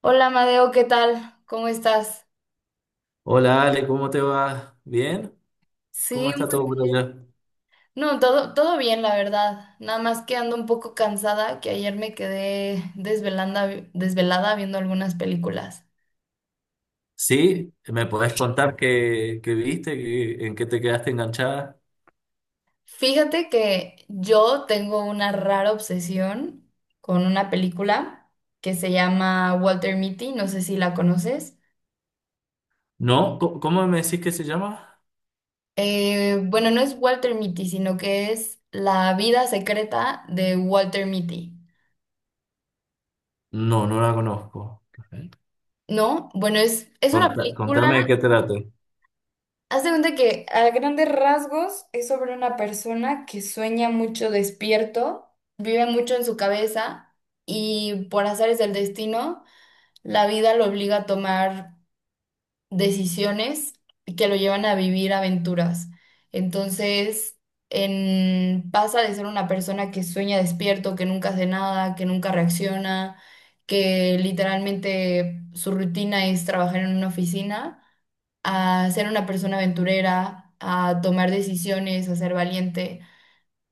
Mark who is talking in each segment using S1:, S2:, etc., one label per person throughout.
S1: Hola, Madeo, ¿qué tal? ¿Cómo estás?
S2: Hola Ale, ¿cómo te va? ¿Bien? ¿Cómo
S1: Sí,
S2: está
S1: muy
S2: todo por
S1: bien.
S2: allá?
S1: No, todo bien, la verdad. Nada más que ando un poco cansada, que ayer me quedé desvelanda, desvelada viendo algunas películas.
S2: ¿Sí? ¿Me podés contar qué viste? ¿En qué te quedaste enganchada?
S1: Fíjate que yo tengo una rara obsesión con una película que se llama Walter Mitty, no sé si la conoces.
S2: ¿No? ¿Cómo me decís que se llama?
S1: Bueno, no es Walter Mitty, sino que es La vida secreta de Walter Mitty.
S2: No, no la conozco. Ok.
S1: ¿No? Bueno, es una película.
S2: Contame de qué trata.
S1: Haz de cuenta que a grandes rasgos es sobre una persona que sueña mucho despierto, vive mucho en su cabeza y, por azares del destino, la vida lo obliga a tomar decisiones que lo llevan a vivir aventuras. Entonces, pasa de ser una persona que sueña despierto, que nunca hace nada, que nunca reacciona, que literalmente su rutina es trabajar en una oficina, a ser una persona aventurera, a tomar decisiones, a ser valiente.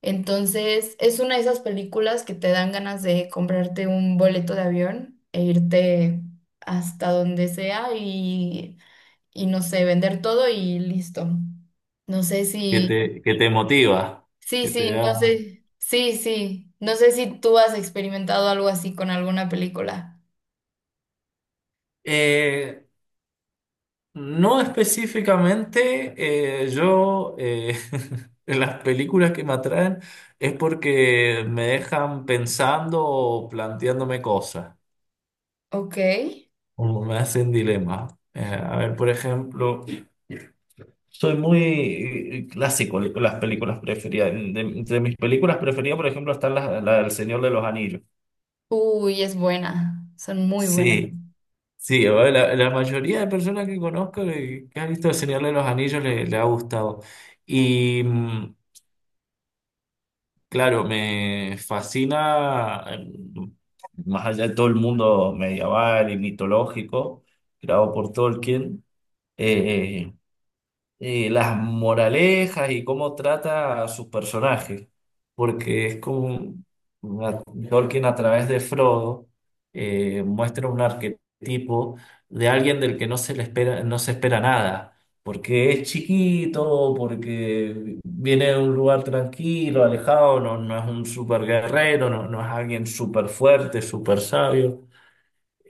S1: Entonces, es una de esas películas que te dan ganas de comprarte un boleto de avión e irte hasta donde sea y no sé, vender todo y listo. No sé
S2: ¿Qué
S1: si,
S2: te, qué te motiva?
S1: sí,
S2: ¿Qué te
S1: sí,
S2: da?
S1: no sé, sí, sí, no sé si tú has experimentado algo así con alguna película.
S2: Eh, no específicamente, yo en las películas que me atraen es porque me dejan pensando o planteándome cosas.
S1: Ok.
S2: Como me hacen dilema. A ver, por ejemplo, soy muy clásico con las películas preferidas. Entre mis películas preferidas, por ejemplo, están la del Señor de los Anillos.
S1: Uy, es buena, son muy buenas.
S2: Sí, sí, a ver, la mayoría de personas que conozco que han visto El Señor de los Anillos le ha gustado. Y mm, claro, me fascina, más allá de todo el mundo medieval y mitológico, creado por Tolkien, y las moralejas y cómo trata a sus personajes, porque es como una- Tolkien a través de Frodo muestra un arquetipo de alguien del que no se le espera, no se espera nada. Porque es chiquito, porque viene de un lugar tranquilo, alejado, no, no es un super guerrero, no, no es alguien súper fuerte, súper sabio.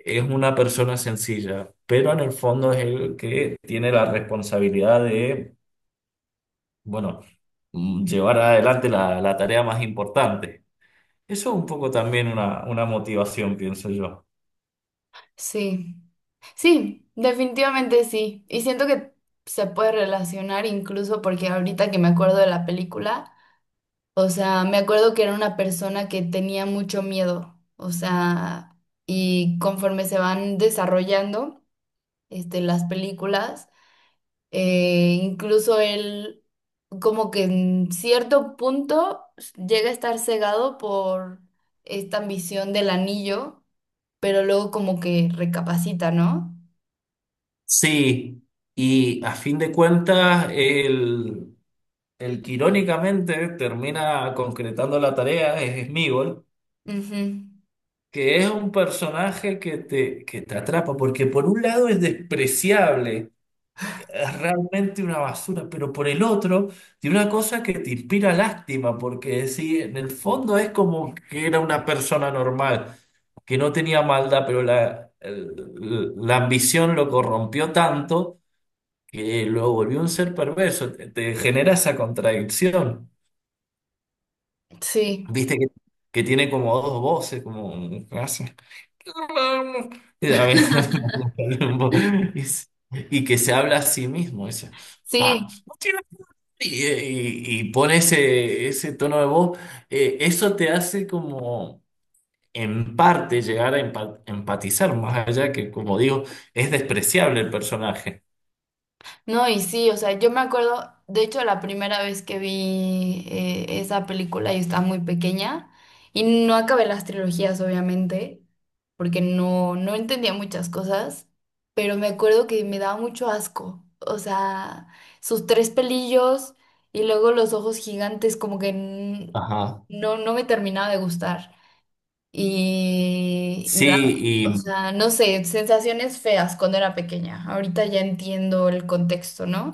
S2: Es una persona sencilla, pero en el fondo es el que tiene la responsabilidad de bueno, llevar adelante la tarea más importante. Eso es un poco también una motivación, pienso yo.
S1: Sí. Sí, definitivamente sí. Y siento que se puede relacionar incluso porque ahorita que me acuerdo de la película, o sea, me acuerdo que era una persona que tenía mucho miedo, o sea, y conforme se van desarrollando, este, las películas, incluso él como que en cierto punto llega a estar cegado por esta ambición del anillo, pero luego como que recapacita, ¿no?
S2: Sí, y a fin de cuentas, el que irónicamente termina concretando la tarea es Smigol,
S1: Ujú.
S2: que es un personaje que te atrapa, porque por un lado es despreciable, es realmente una basura, pero por el otro, tiene una cosa que te inspira lástima, porque sí, en el fondo es como que era una persona normal, que no tenía maldad, pero la ambición lo corrompió tanto que lo volvió un ser perverso. Te genera esa contradicción,
S1: Sí,
S2: viste que tiene como dos voces, como... Y, a mí- y y que se habla a sí mismo, dice,
S1: sí,
S2: "Vamos". Y pone ese tono de voz, eso te hace como en parte llegar a empatizar, más allá que, como digo, es despreciable el personaje.
S1: no, y sí, o sea, yo me acuerdo, de hecho, la primera vez que vi esa película, yo estaba muy pequeña y no acabé las trilogías, obviamente, porque no, no entendía muchas cosas, pero me acuerdo que me daba mucho asco, o sea, sus tres pelillos y luego los ojos gigantes, como que
S2: Ajá.
S1: no, no me terminaba de gustar. Y me
S2: Sí,
S1: da, o
S2: y
S1: sea, no sé, sensaciones feas cuando era pequeña. Ahorita ya entiendo el contexto, ¿no?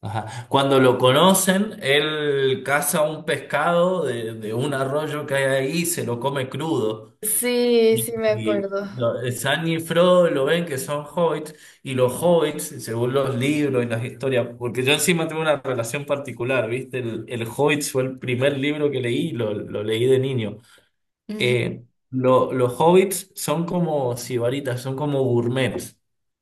S2: ajá. Cuando lo conocen, él caza un pescado de un arroyo que hay ahí y se lo come crudo.
S1: Sí, sí me
S2: Y
S1: acuerdo.
S2: lo- Sam y Frodo lo ven que son hobbits, y los hobbits, según los libros y las historias, porque yo encima tengo una relación particular, ¿viste? El Hobbit fue el primer libro que leí, lo leí de niño.
S1: Ujú.
S2: Eh, los hobbits son como sibaritas, son como gourmets.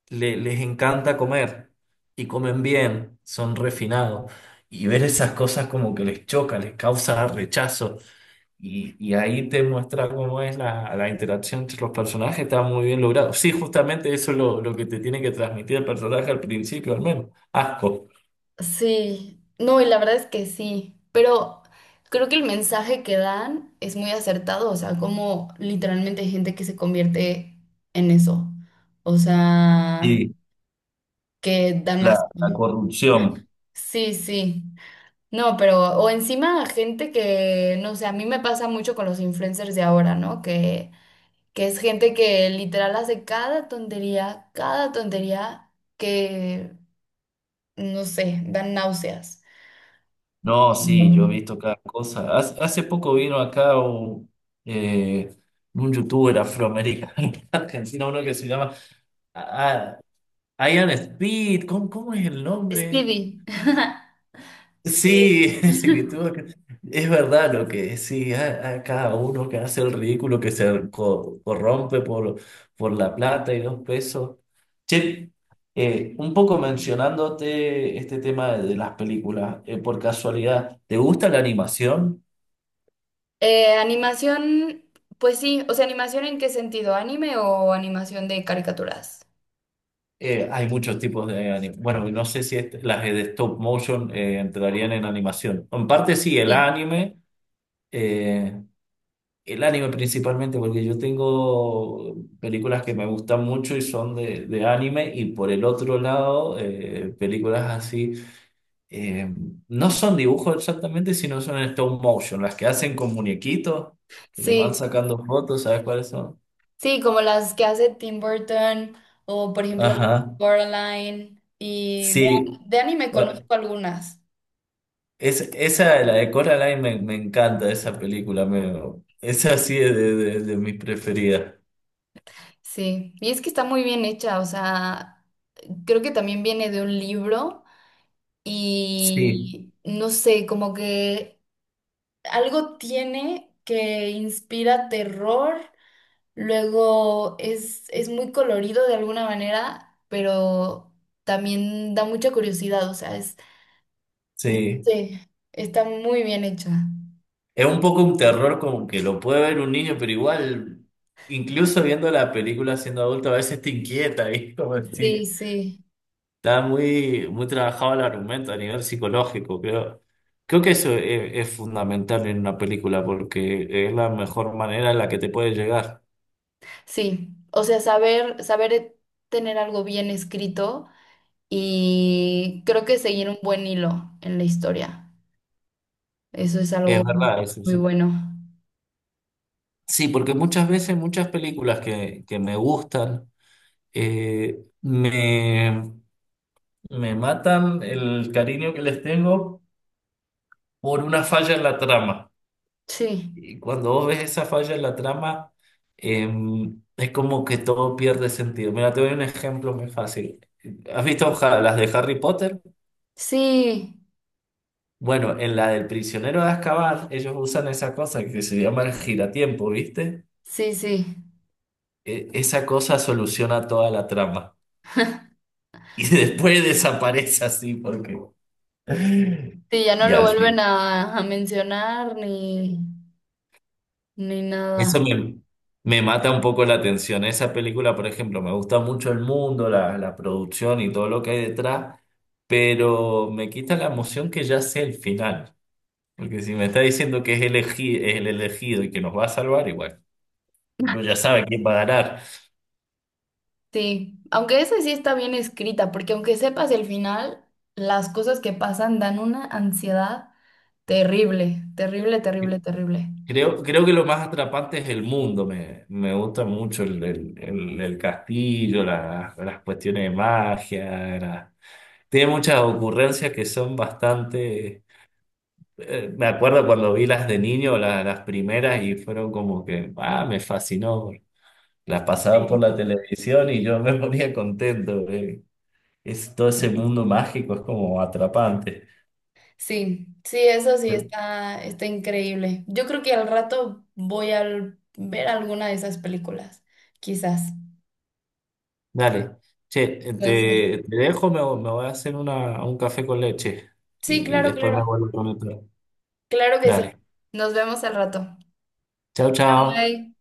S2: Les encanta comer y comen bien, son refinados. Y ver esas cosas como que les choca, les causa rechazo. Y ahí te muestra cómo es la interacción entre los personajes, está muy bien logrado. Sí, justamente eso es lo que te tiene que transmitir el personaje al principio, al menos. Asco.
S1: Sí, no, y la verdad es que sí, pero creo que el mensaje que dan es muy acertado, o sea, como literalmente hay gente que se convierte en eso, o sea,
S2: Sí,
S1: que dan
S2: la, la
S1: así.
S2: corrupción.
S1: Sí, sí. No, pero, o encima gente que, no sé, a mí me pasa mucho con los influencers de ahora, ¿no? Que es gente que literal hace cada tontería que, no sé, dan náuseas.
S2: No, sí, yo he
S1: Mm.
S2: visto cada cosa. Hace poco vino acá eh, un youtuber afroamericano, argentino, uno que se llama ah, Ian Speed. ¿Cómo es el nombre?
S1: Speedy. Sí.
S2: Sí, es que tuvo, es verdad lo que sí, a cada uno que hace el ridículo, que se corrompe por la plata y los pesos. Che, un poco mencionándote este tema de las películas, por casualidad, ¿te gusta la animación?
S1: Animación, pues sí, o sea, animación en qué sentido, ¿anime o animación de caricaturas?
S2: Hay muchos tipos de animación. Bueno, no sé si las de stop motion entrarían en animación. En parte sí, el
S1: Sí.
S2: anime. eh, El anime principalmente, porque yo tengo películas que me gustan mucho y son de anime, y por el otro lado, películas así, eh, no son dibujos exactamente, sino son en stop motion, las que hacen con muñequitos, que les van
S1: Sí.
S2: sacando fotos, ¿sabes cuáles son?
S1: Sí, como las que hace Tim Burton o por ejemplo. Sí.
S2: Ajá,
S1: Coraline y
S2: sí.
S1: de anime
S2: Bueno,
S1: conozco algunas.
S2: esa, la de Coraline, me encanta esa película, me, esa sí es de mis preferidas.
S1: Sí, y es que está muy bien hecha, o sea, creo que también viene de un libro
S2: Sí,
S1: y no sé, como que algo tiene que inspira terror, luego es muy colorido de alguna manera, pero también da mucha curiosidad, o sea, es, no
S2: sí.
S1: sé, está muy bien hecha.
S2: Es un poco un terror como que lo puede ver un niño, pero igual, incluso viendo la película siendo adulto, a veces te inquieta, y como
S1: Sí,
S2: si
S1: sí,
S2: está muy, muy trabajado el argumento a nivel psicológico, creo. Creo que eso es fundamental en una película porque es la mejor manera en la que te puede llegar.
S1: sí. O sea, saber, tener algo bien escrito y creo que seguir un buen hilo en la historia. Eso es
S2: Es
S1: algo
S2: verdad, eso
S1: muy
S2: sí.
S1: bueno.
S2: Sí, porque muchas veces, muchas películas que me gustan, eh, me, me matan el cariño que les tengo por una falla en la trama.
S1: Sí,
S2: Y cuando vos ves esa falla en la trama, es como que todo pierde sentido. Mira, te doy un ejemplo muy fácil. ¿Has visto las de Harry Potter?
S1: sí,
S2: Bueno, en la del prisionero de Azkaban, ellos usan esa cosa que se llama el giratiempo, ¿viste?
S1: sí, sí.
S2: Esa cosa soluciona toda la trama. Y después desaparece así porque...
S1: Sí, ya no
S2: Y
S1: lo
S2: al
S1: vuelven
S2: fin.
S1: a mencionar ni, ni nada.
S2: Eso me, me mata un poco la atención. Esa película, por ejemplo, me gusta mucho el mundo, la producción y todo lo que hay detrás, pero me quita la emoción que ya sé el final. Porque si me está diciendo que es es el elegido y que nos va a salvar, igual, uno ya sabe quién va a ganar.
S1: Sí, aunque esa sí está bien escrita, porque aunque sepas el final, las cosas que pasan dan una ansiedad terrible, terrible, terrible, terrible.
S2: Creo que lo más atrapante es el mundo. Me gusta mucho el castillo, las cuestiones de magia. Tiene muchas ocurrencias que son bastante me acuerdo cuando vi las de niño, las primeras, y fueron como que, ah, me fascinó. Las pasaban por
S1: Sí.
S2: la televisión y yo me ponía contento. Es, todo ese mundo mágico es como atrapante.
S1: Sí, sí, eso sí está, está increíble. Yo creo que al rato voy a ver alguna de esas películas, quizás.
S2: Dale, che, te,
S1: Entonces,
S2: te dejo, me voy a hacer un café con leche
S1: sí,
S2: y
S1: claro,
S2: después me
S1: claro,
S2: vuelvo a conectar.
S1: claro que sí.
S2: Dale,
S1: Nos vemos al rato.
S2: chao, chao.
S1: Bye.